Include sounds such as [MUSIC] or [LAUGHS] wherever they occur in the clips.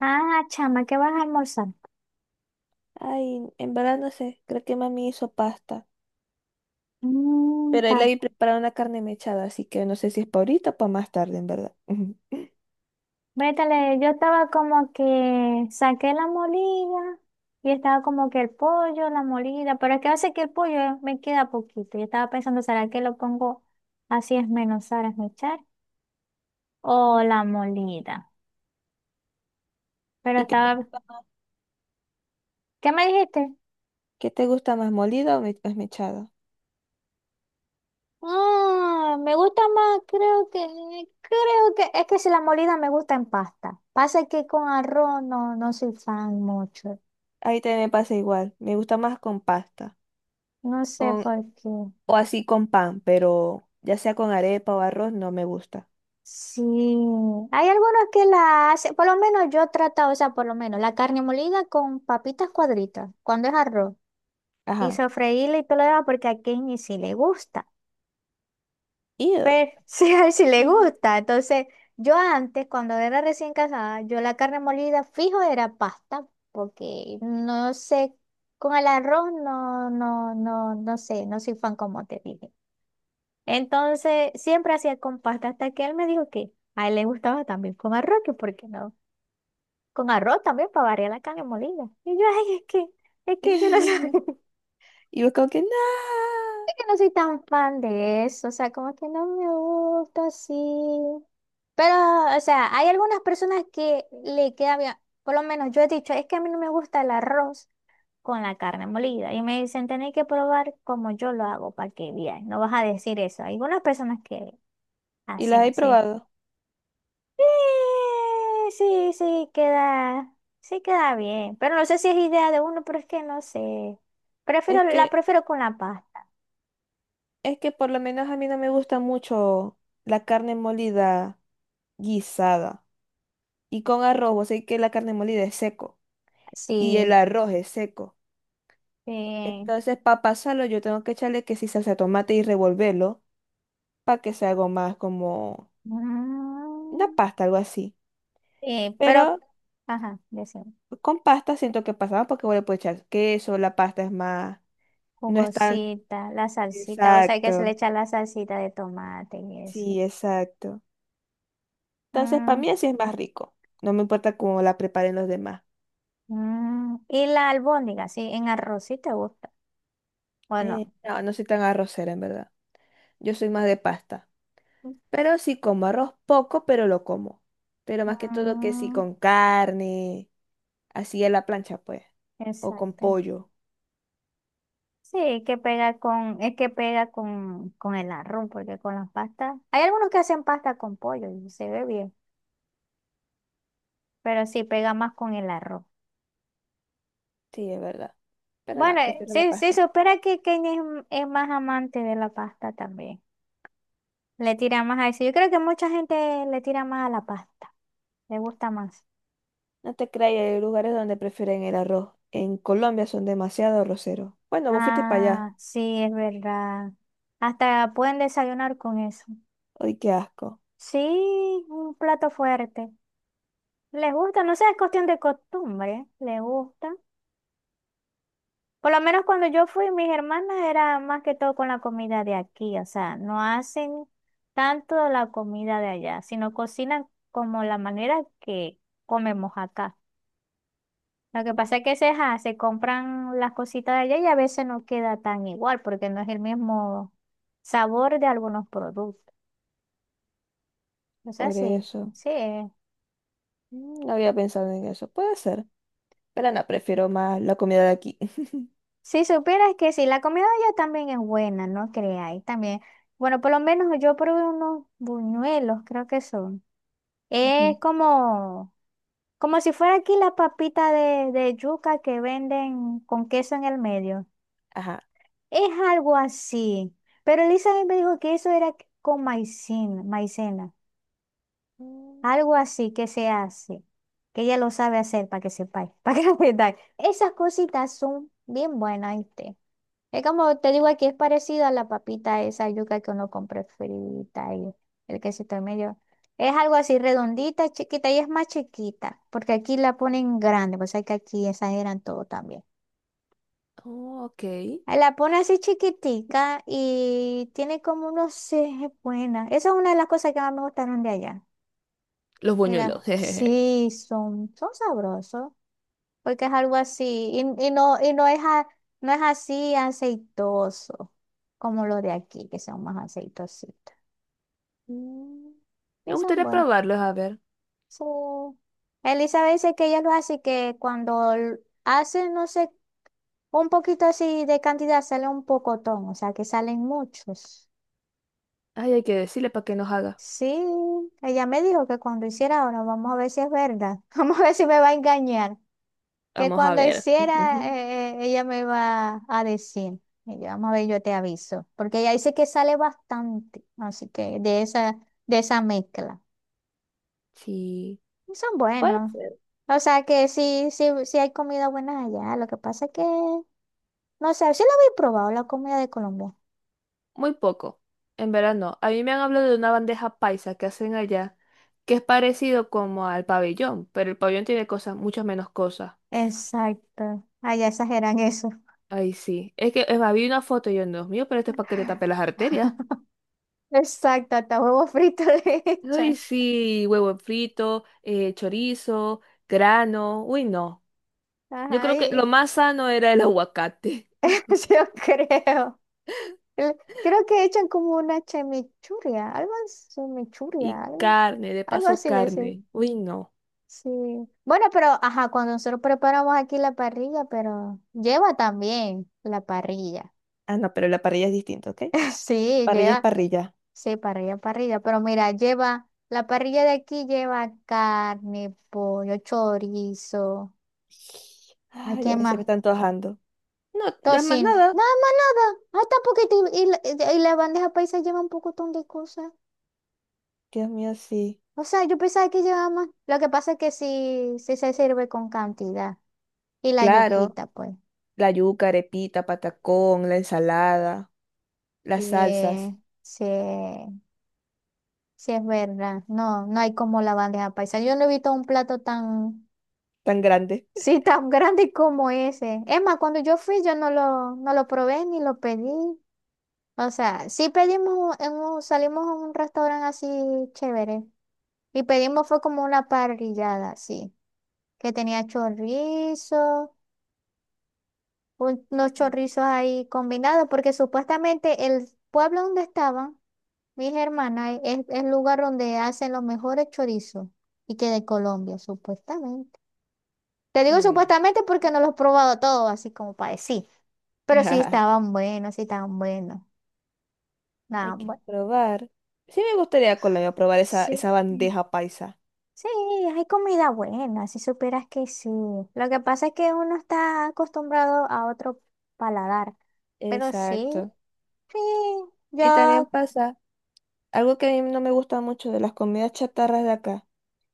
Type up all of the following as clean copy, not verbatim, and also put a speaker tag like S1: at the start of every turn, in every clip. S1: Ah, chama, ¿qué vas a almorzar?
S2: Ay, en verdad no sé, creo que mami hizo pasta,
S1: Mm,
S2: pero ahí
S1: pa.
S2: la vi preparar una carne mechada, así que no sé si es para ahorita o para más tarde, en verdad. [LAUGHS]
S1: Vétale, yo estaba como que saqué la molida y estaba como que el pollo, la molida, pero es que hace que el pollo me queda poquito. Yo estaba pensando, ¿será que lo pongo así esmenuzar, esmechar? O
S2: Ujú.
S1: la molida. Pero
S2: ¿Y qué,
S1: estaba, ¿qué me dijiste?
S2: qué te gusta más, más mechada?
S1: Ah, me gusta más, creo que, es que si la molida me gusta en pasta. Pasa que con arroz no, no soy fan mucho.
S2: Ahí también me pasa igual, me gusta más con pasta,
S1: No sé
S2: con,
S1: por qué.
S2: o así con pan, pero ya sea con arepa o arroz, no me gusta.
S1: Sí, hay algunos que la hacen, por lo menos yo he tratado, o sea, por lo menos la carne molida con papitas cuadritas, cuando es arroz, y
S2: Ajá.
S1: sofreírla y todo lo demás, porque a Kenny sí le gusta,
S2: Ew.
S1: pero [LAUGHS] sí, a él sí le
S2: Ujú.
S1: gusta. Entonces, yo antes, cuando era recién casada, yo la carne molida fijo era pasta, porque no sé, con el arroz no, no, no, no sé, no soy fan como te dije. Entonces, siempre hacía con pasta, hasta que él me dijo que a él le gustaba también con arroz, que por qué no. Con arroz también para variar la carne molida. Y yo, ay, es que yo no
S2: [LAUGHS]
S1: soy, [LAUGHS]
S2: Y yo como que, nada.
S1: es que no soy tan fan de eso, o sea, como que no me gusta así. Pero, o sea, hay algunas personas que le queda bien, por lo menos yo he dicho, es que a mí no me gusta el arroz con la carne molida. Y me dicen, tenéis que probar como yo lo hago para que veas, no vas a decir eso. Hay algunas personas que
S2: Y
S1: hacen
S2: las he
S1: así.
S2: probado.
S1: Sí, sí, sí queda bien. Pero no sé si es idea de uno, pero es que no sé. Prefiero,
S2: Es
S1: la
S2: que,
S1: prefiero con la pasta.
S2: es que por lo menos a mí no me gusta mucho la carne molida guisada. Y con arroz, o sea que la carne molida es seco. Y el
S1: Sí,
S2: arroz es seco.
S1: sí.
S2: Entonces, para pasarlo, yo tengo que echarle que si salsa de tomate y revolverlo para que sea algo más como una
S1: Mm,
S2: pasta, algo así.
S1: sí, pero,
S2: Pero
S1: ajá, decimos,
S2: con pasta siento que pasaba porque voy le puedo echar queso, la pasta es más, no es tan...
S1: jugosita, la salsita, o sea que se le
S2: Exacto,
S1: echa la salsita de tomate y eso.
S2: sí, exacto. Entonces, para
S1: Mm,
S2: mí así es más rico. No me importa cómo la preparen los demás.
S1: mm, y la albóndiga, sí, en arroz, sí te gusta. Bueno,
S2: No, no soy tan arrocera, en verdad. Yo soy más de pasta. Pero sí como arroz poco, pero lo como. Pero más que todo que sí
S1: mm,
S2: con carne, así a la plancha, pues. O con
S1: exacto.
S2: pollo.
S1: Sí, que pega con, es que pega con el arroz, porque con las pastas. Hay algunos que hacen pasta con pollo y se ve bien, pero sí pega más con el arroz.
S2: Sí, es verdad. Pero no,
S1: Bueno,
S2: prefiero la
S1: sí, sí,
S2: pasta.
S1: supera que Kenia es más amante de la pasta también. Le tira más a eso. Yo creo que mucha gente le tira más a la pasta. Le gusta más.
S2: No te creas, hay lugares donde prefieren el arroz. En Colombia son demasiado arroceros. Bueno, vos fuiste para allá.
S1: Ah, sí, es verdad. Hasta pueden desayunar con eso.
S2: Ay, qué asco.
S1: Sí, un plato fuerte. Les gusta, no sé, es cuestión de costumbre. Les gusta. Por lo menos cuando yo fui, mis hermanas era más que todo con la comida de aquí, o sea, no hacen tanto la comida de allá, sino cocinan como la manera que comemos acá. Lo que
S2: Mm.
S1: pasa es que se compran las cositas de allá y a veces no queda tan igual porque no es el mismo sabor de algunos productos. O sea,
S2: Por
S1: sí,
S2: eso.
S1: sí.
S2: Mm, no había pensado en eso. Puede ser. Pero no, prefiero más la comida de aquí.
S1: Si supieras que sí, la comida de allá también es buena, no creáis, también. Bueno, por lo menos yo probé unos buñuelos, creo que son. Es
S2: Ujú. [LAUGHS]
S1: como, como si fuera aquí la papita de yuca que venden con queso en el medio.
S2: Ajá.
S1: Es algo así. Pero Elizabeth me dijo que eso era con maicena, maicena.
S2: Mm.
S1: Algo así que se hace. Que ella lo sabe hacer para que sepáis. [LAUGHS] Para que sepáis. Esas cositas son bien buenas, ¿viste? Es como te digo aquí, es parecida a la papita esa yuca que uno compra frita y el quesito en medio. Es algo así redondita, chiquita y es más chiquita, porque aquí la ponen grande, pues hay que aquí exageran todo también.
S2: Oh, ok.
S1: Ahí la pone así chiquitica y tiene como unos seis buenas. Esa es una de las cosas que más me gustaron de allá.
S2: Los
S1: Y las,
S2: buñuelos. [LAUGHS] Jejeje.
S1: sí, son, sabrosos. Porque es algo así, y no, y no es, a- no es así aceitoso, como los de aquí, que son más aceitositos.
S2: Mm, me
S1: Y son
S2: gustaría
S1: buenos.
S2: probarlos, a ver.
S1: Sí. Elizabeth dice que ella lo hace, que cuando hace, no sé, un poquito así de cantidad, sale un pocotón, o sea, que salen muchos.
S2: Ay, hay que decirle para que nos haga.
S1: Sí, ella me dijo que cuando hiciera ahora, vamos a ver si es verdad, [LAUGHS] vamos a ver si me va a engañar. Que
S2: Vamos a
S1: cuando
S2: ver.
S1: hiciera,
S2: Ujú.
S1: ella me iba a decir. Y yo, vamos a ver, yo te aviso. Porque ella dice que sale bastante, así que de esa mezcla.
S2: Sí.
S1: Y son
S2: Bueno,
S1: buenos.
S2: puede ser.
S1: O sea que sí, sí, sí hay comida buena allá. Lo que pasa es que, no sé, sí lo había probado, la comida de Colombia.
S2: Muy poco. En verano. A mí me han hablado de una bandeja paisa que hacen allá, que es parecido como al pabellón, pero el pabellón tiene cosas, muchas menos cosas.
S1: Exacto. Allá exageran eso.
S2: Ay, sí. Es más, vi una foto y yo, Dios mío, pero esto es para que te tape las arterias.
S1: Exacto, hasta huevo frito [LAUGHS] le
S2: Uy,
S1: echan.
S2: sí, huevo frito, chorizo, grano. Uy, no. Yo
S1: Ajá,
S2: creo que lo
S1: y-
S2: más sano era el [LAUGHS] aguacate.
S1: [LAUGHS] Yo creo. el- creo que echan como una chimichurria, algo así,
S2: Y
S1: chimichurria, algo,
S2: carne, de
S1: algo
S2: paso
S1: así le dicen.
S2: carne. Uy, no.
S1: Sí. Bueno, pero ajá, cuando nosotros preparamos aquí la parrilla, pero lleva también la parrilla.
S2: Ah, no, pero la parrilla es distinta, ¿ok?
S1: [LAUGHS] Sí,
S2: Parrilla es
S1: lleva,
S2: parrilla.
S1: sí, parrilla, parrilla, pero mira, lleva, la parrilla de aquí lleva carne, pollo, chorizo, ay,
S2: Ay,
S1: ¿qué
S2: ya se
S1: más?
S2: me están antojando. No, ya más
S1: Tocino, nada
S2: nada.
S1: más nada, hasta poquito, y la bandeja paisa lleva un pocotón de cosas.
S2: Dios mío, sí.
S1: O sea, yo pensaba que llevaba más. Lo que pasa es que sí, sí se sirve con cantidad. Y la
S2: Claro,
S1: yuquita, pues.
S2: la yuca, arepita, patacón, la ensalada, las
S1: Y
S2: salsas,
S1: sí, sí es verdad. No, no hay como la bandeja paisa. Yo no he visto un plato tan,
S2: tan grande.
S1: [LAUGHS] sí, tan grande como ese. Es más, cuando yo fui, yo no lo probé ni lo pedí. O sea, sí pedimos, salimos a un restaurante así chévere. Y pedimos fue como una parrillada, sí. Que tenía chorizo. Unos chorrizos ahí combinados, porque supuestamente el pueblo donde estaban mis hermanas es el lugar donde hacen los mejores chorizos y que de Colombia, supuestamente. Te digo
S2: Mm.
S1: supuestamente porque no los he probado todos, así como para decir, pero sí
S2: [LAUGHS]
S1: estaban buenos, sí estaban buenos.
S2: Hay
S1: Nada,
S2: que
S1: bueno.
S2: probar. Sí me gustaría Colombia probar esa,
S1: Sí.
S2: esa bandeja paisa.
S1: Sí, hay comida buena, si supieras que sí. Lo que pasa es que uno está acostumbrado a otro paladar, pero sí,
S2: Exacto.
S1: sí.
S2: Y también
S1: Yo
S2: pasa, algo que a mí no me gusta mucho de las comidas chatarras de acá,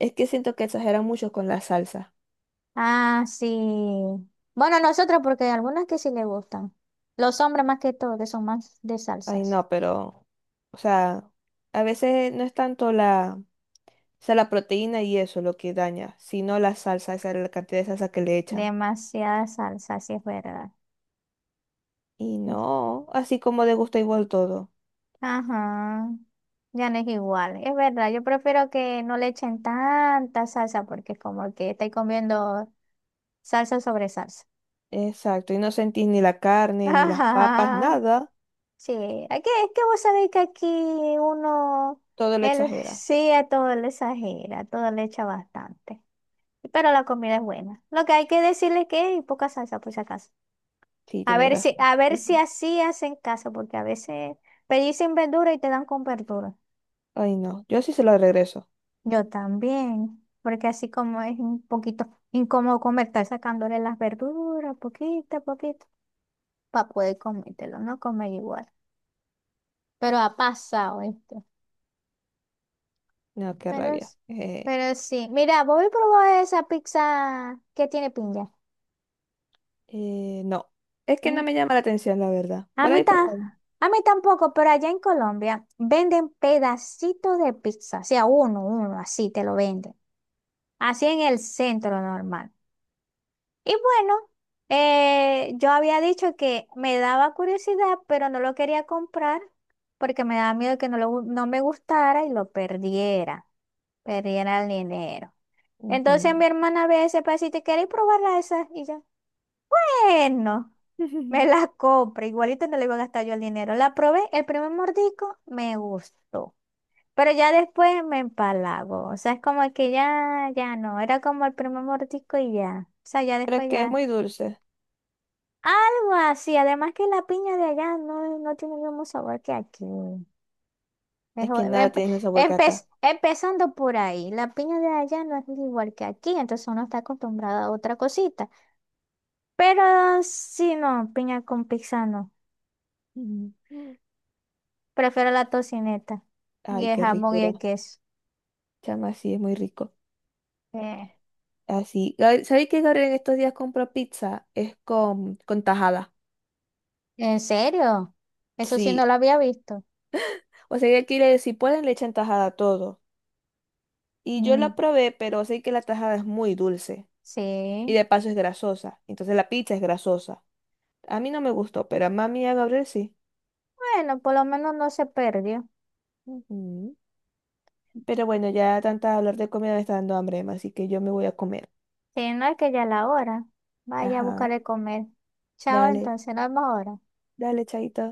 S2: es que siento que exageran mucho con la salsa.
S1: Ah, sí. Bueno, nosotros, porque hay algunas que sí le gustan. Los hombres más que todo, que son más de
S2: Ay,
S1: salsas.
S2: no, pero, o sea, a veces no es tanto la, o sea, la proteína y eso lo que daña, sino la salsa, esa la cantidad de salsa que le echan.
S1: Demasiada salsa, sí es verdad.
S2: Y no, así como de gusto igual todo.
S1: Ajá. Ya no es igual. Es verdad, yo prefiero que no le echen tanta salsa porque es como que estáis comiendo salsa sobre salsa.
S2: Exacto, y no sentís ni la
S1: [LAUGHS]
S2: carne, ni las papas,
S1: Ajá.
S2: nada,
S1: Sí, aquí es que vos sabéis que aquí uno,
S2: todo lo
S1: él [LAUGHS]
S2: exagera.
S1: sí a todo le exagera, a todo le echa bastante. Pero la comida es buena. Lo que hay que decirle es que hay poca salsa, por si acaso.
S2: Sí,
S1: A
S2: tenés
S1: ver si,
S2: razón.
S1: a ver si
S2: Ujú.
S1: así hacen caso, porque a veces pedís sin verdura y te dan con verdura.
S2: Ay, no. Yo sí se lo regreso.
S1: Yo también, porque así como es un poquito incómodo comer, estar sacándole las verduras, poquito a poquito, para poder comértelo, no comer igual. Pero ha pasado esto.
S2: No, qué
S1: Pero,
S2: rabia.
S1: es- pero sí. Mira, voy a probar esa pizza que tiene piña.
S2: No. Es que no me llama la atención, la verdad.
S1: A
S2: Por
S1: mí,
S2: ahí
S1: ta-
S2: probado.
S1: a mí tampoco, pero allá en Colombia venden pedacitos de pizza, o sea, uno, uno, así te lo venden, así en el centro normal. Y bueno, yo había dicho que me daba curiosidad, pero no lo quería comprar porque me daba miedo que no me gustara y lo perdiera, el dinero. Entonces
S2: Ujú.
S1: mi hermana ve ese pedacito y quiere probarla esa y yo, bueno. Me la
S2: [LAUGHS]
S1: compré, igualito no le iba a gastar yo el dinero. La probé, el primer mordisco me gustó, pero ya después me empalago. O sea, es como que ya, ya no, era como el primer mordisco y ya. O sea, ya
S2: Pero
S1: después
S2: que es
S1: ya.
S2: muy dulce.
S1: Algo así, además que la piña de allá no tiene el mismo sabor que aquí. Es
S2: Es que nada
S1: empe-
S2: tiene el sabor que
S1: empe-
S2: acá.
S1: empezando por ahí, la piña de allá no es igual que aquí, entonces uno está acostumbrado a otra cosita. Pero si no, piña con pizza no.
S2: Ujú.
S1: Prefiero la tocineta y
S2: Ay,
S1: el
S2: qué
S1: jamón y
S2: ricura.
S1: el queso.
S2: Chama, sí, es muy rico.
S1: Eh,
S2: Así. Gab- ¿Sabéis que Gabriel en estos días compró pizza? Es con tajada.
S1: ¿En serio? Eso sí
S2: Sí.
S1: no lo había visto.
S2: O sea, que quiere, si pueden, le echan tajada a todo. Y yo
S1: Mm,
S2: la probé, pero sé que la tajada es muy dulce. Y
S1: sí.
S2: de paso es grasosa. Entonces la pizza es grasosa. A mí no me gustó, pero a mami y a Gabriel sí.
S1: Bueno, por lo menos no se perdió.
S2: Ujú. Pero bueno, ya tanta hablar de comida me está dando hambre, Emma, así que yo me voy a comer.
S1: Si no es que ya es la hora. Vaya a buscar
S2: Ajá.
S1: el comer. Chao,
S2: Dale,
S1: entonces, nos vemos ahora.
S2: dale, chaito.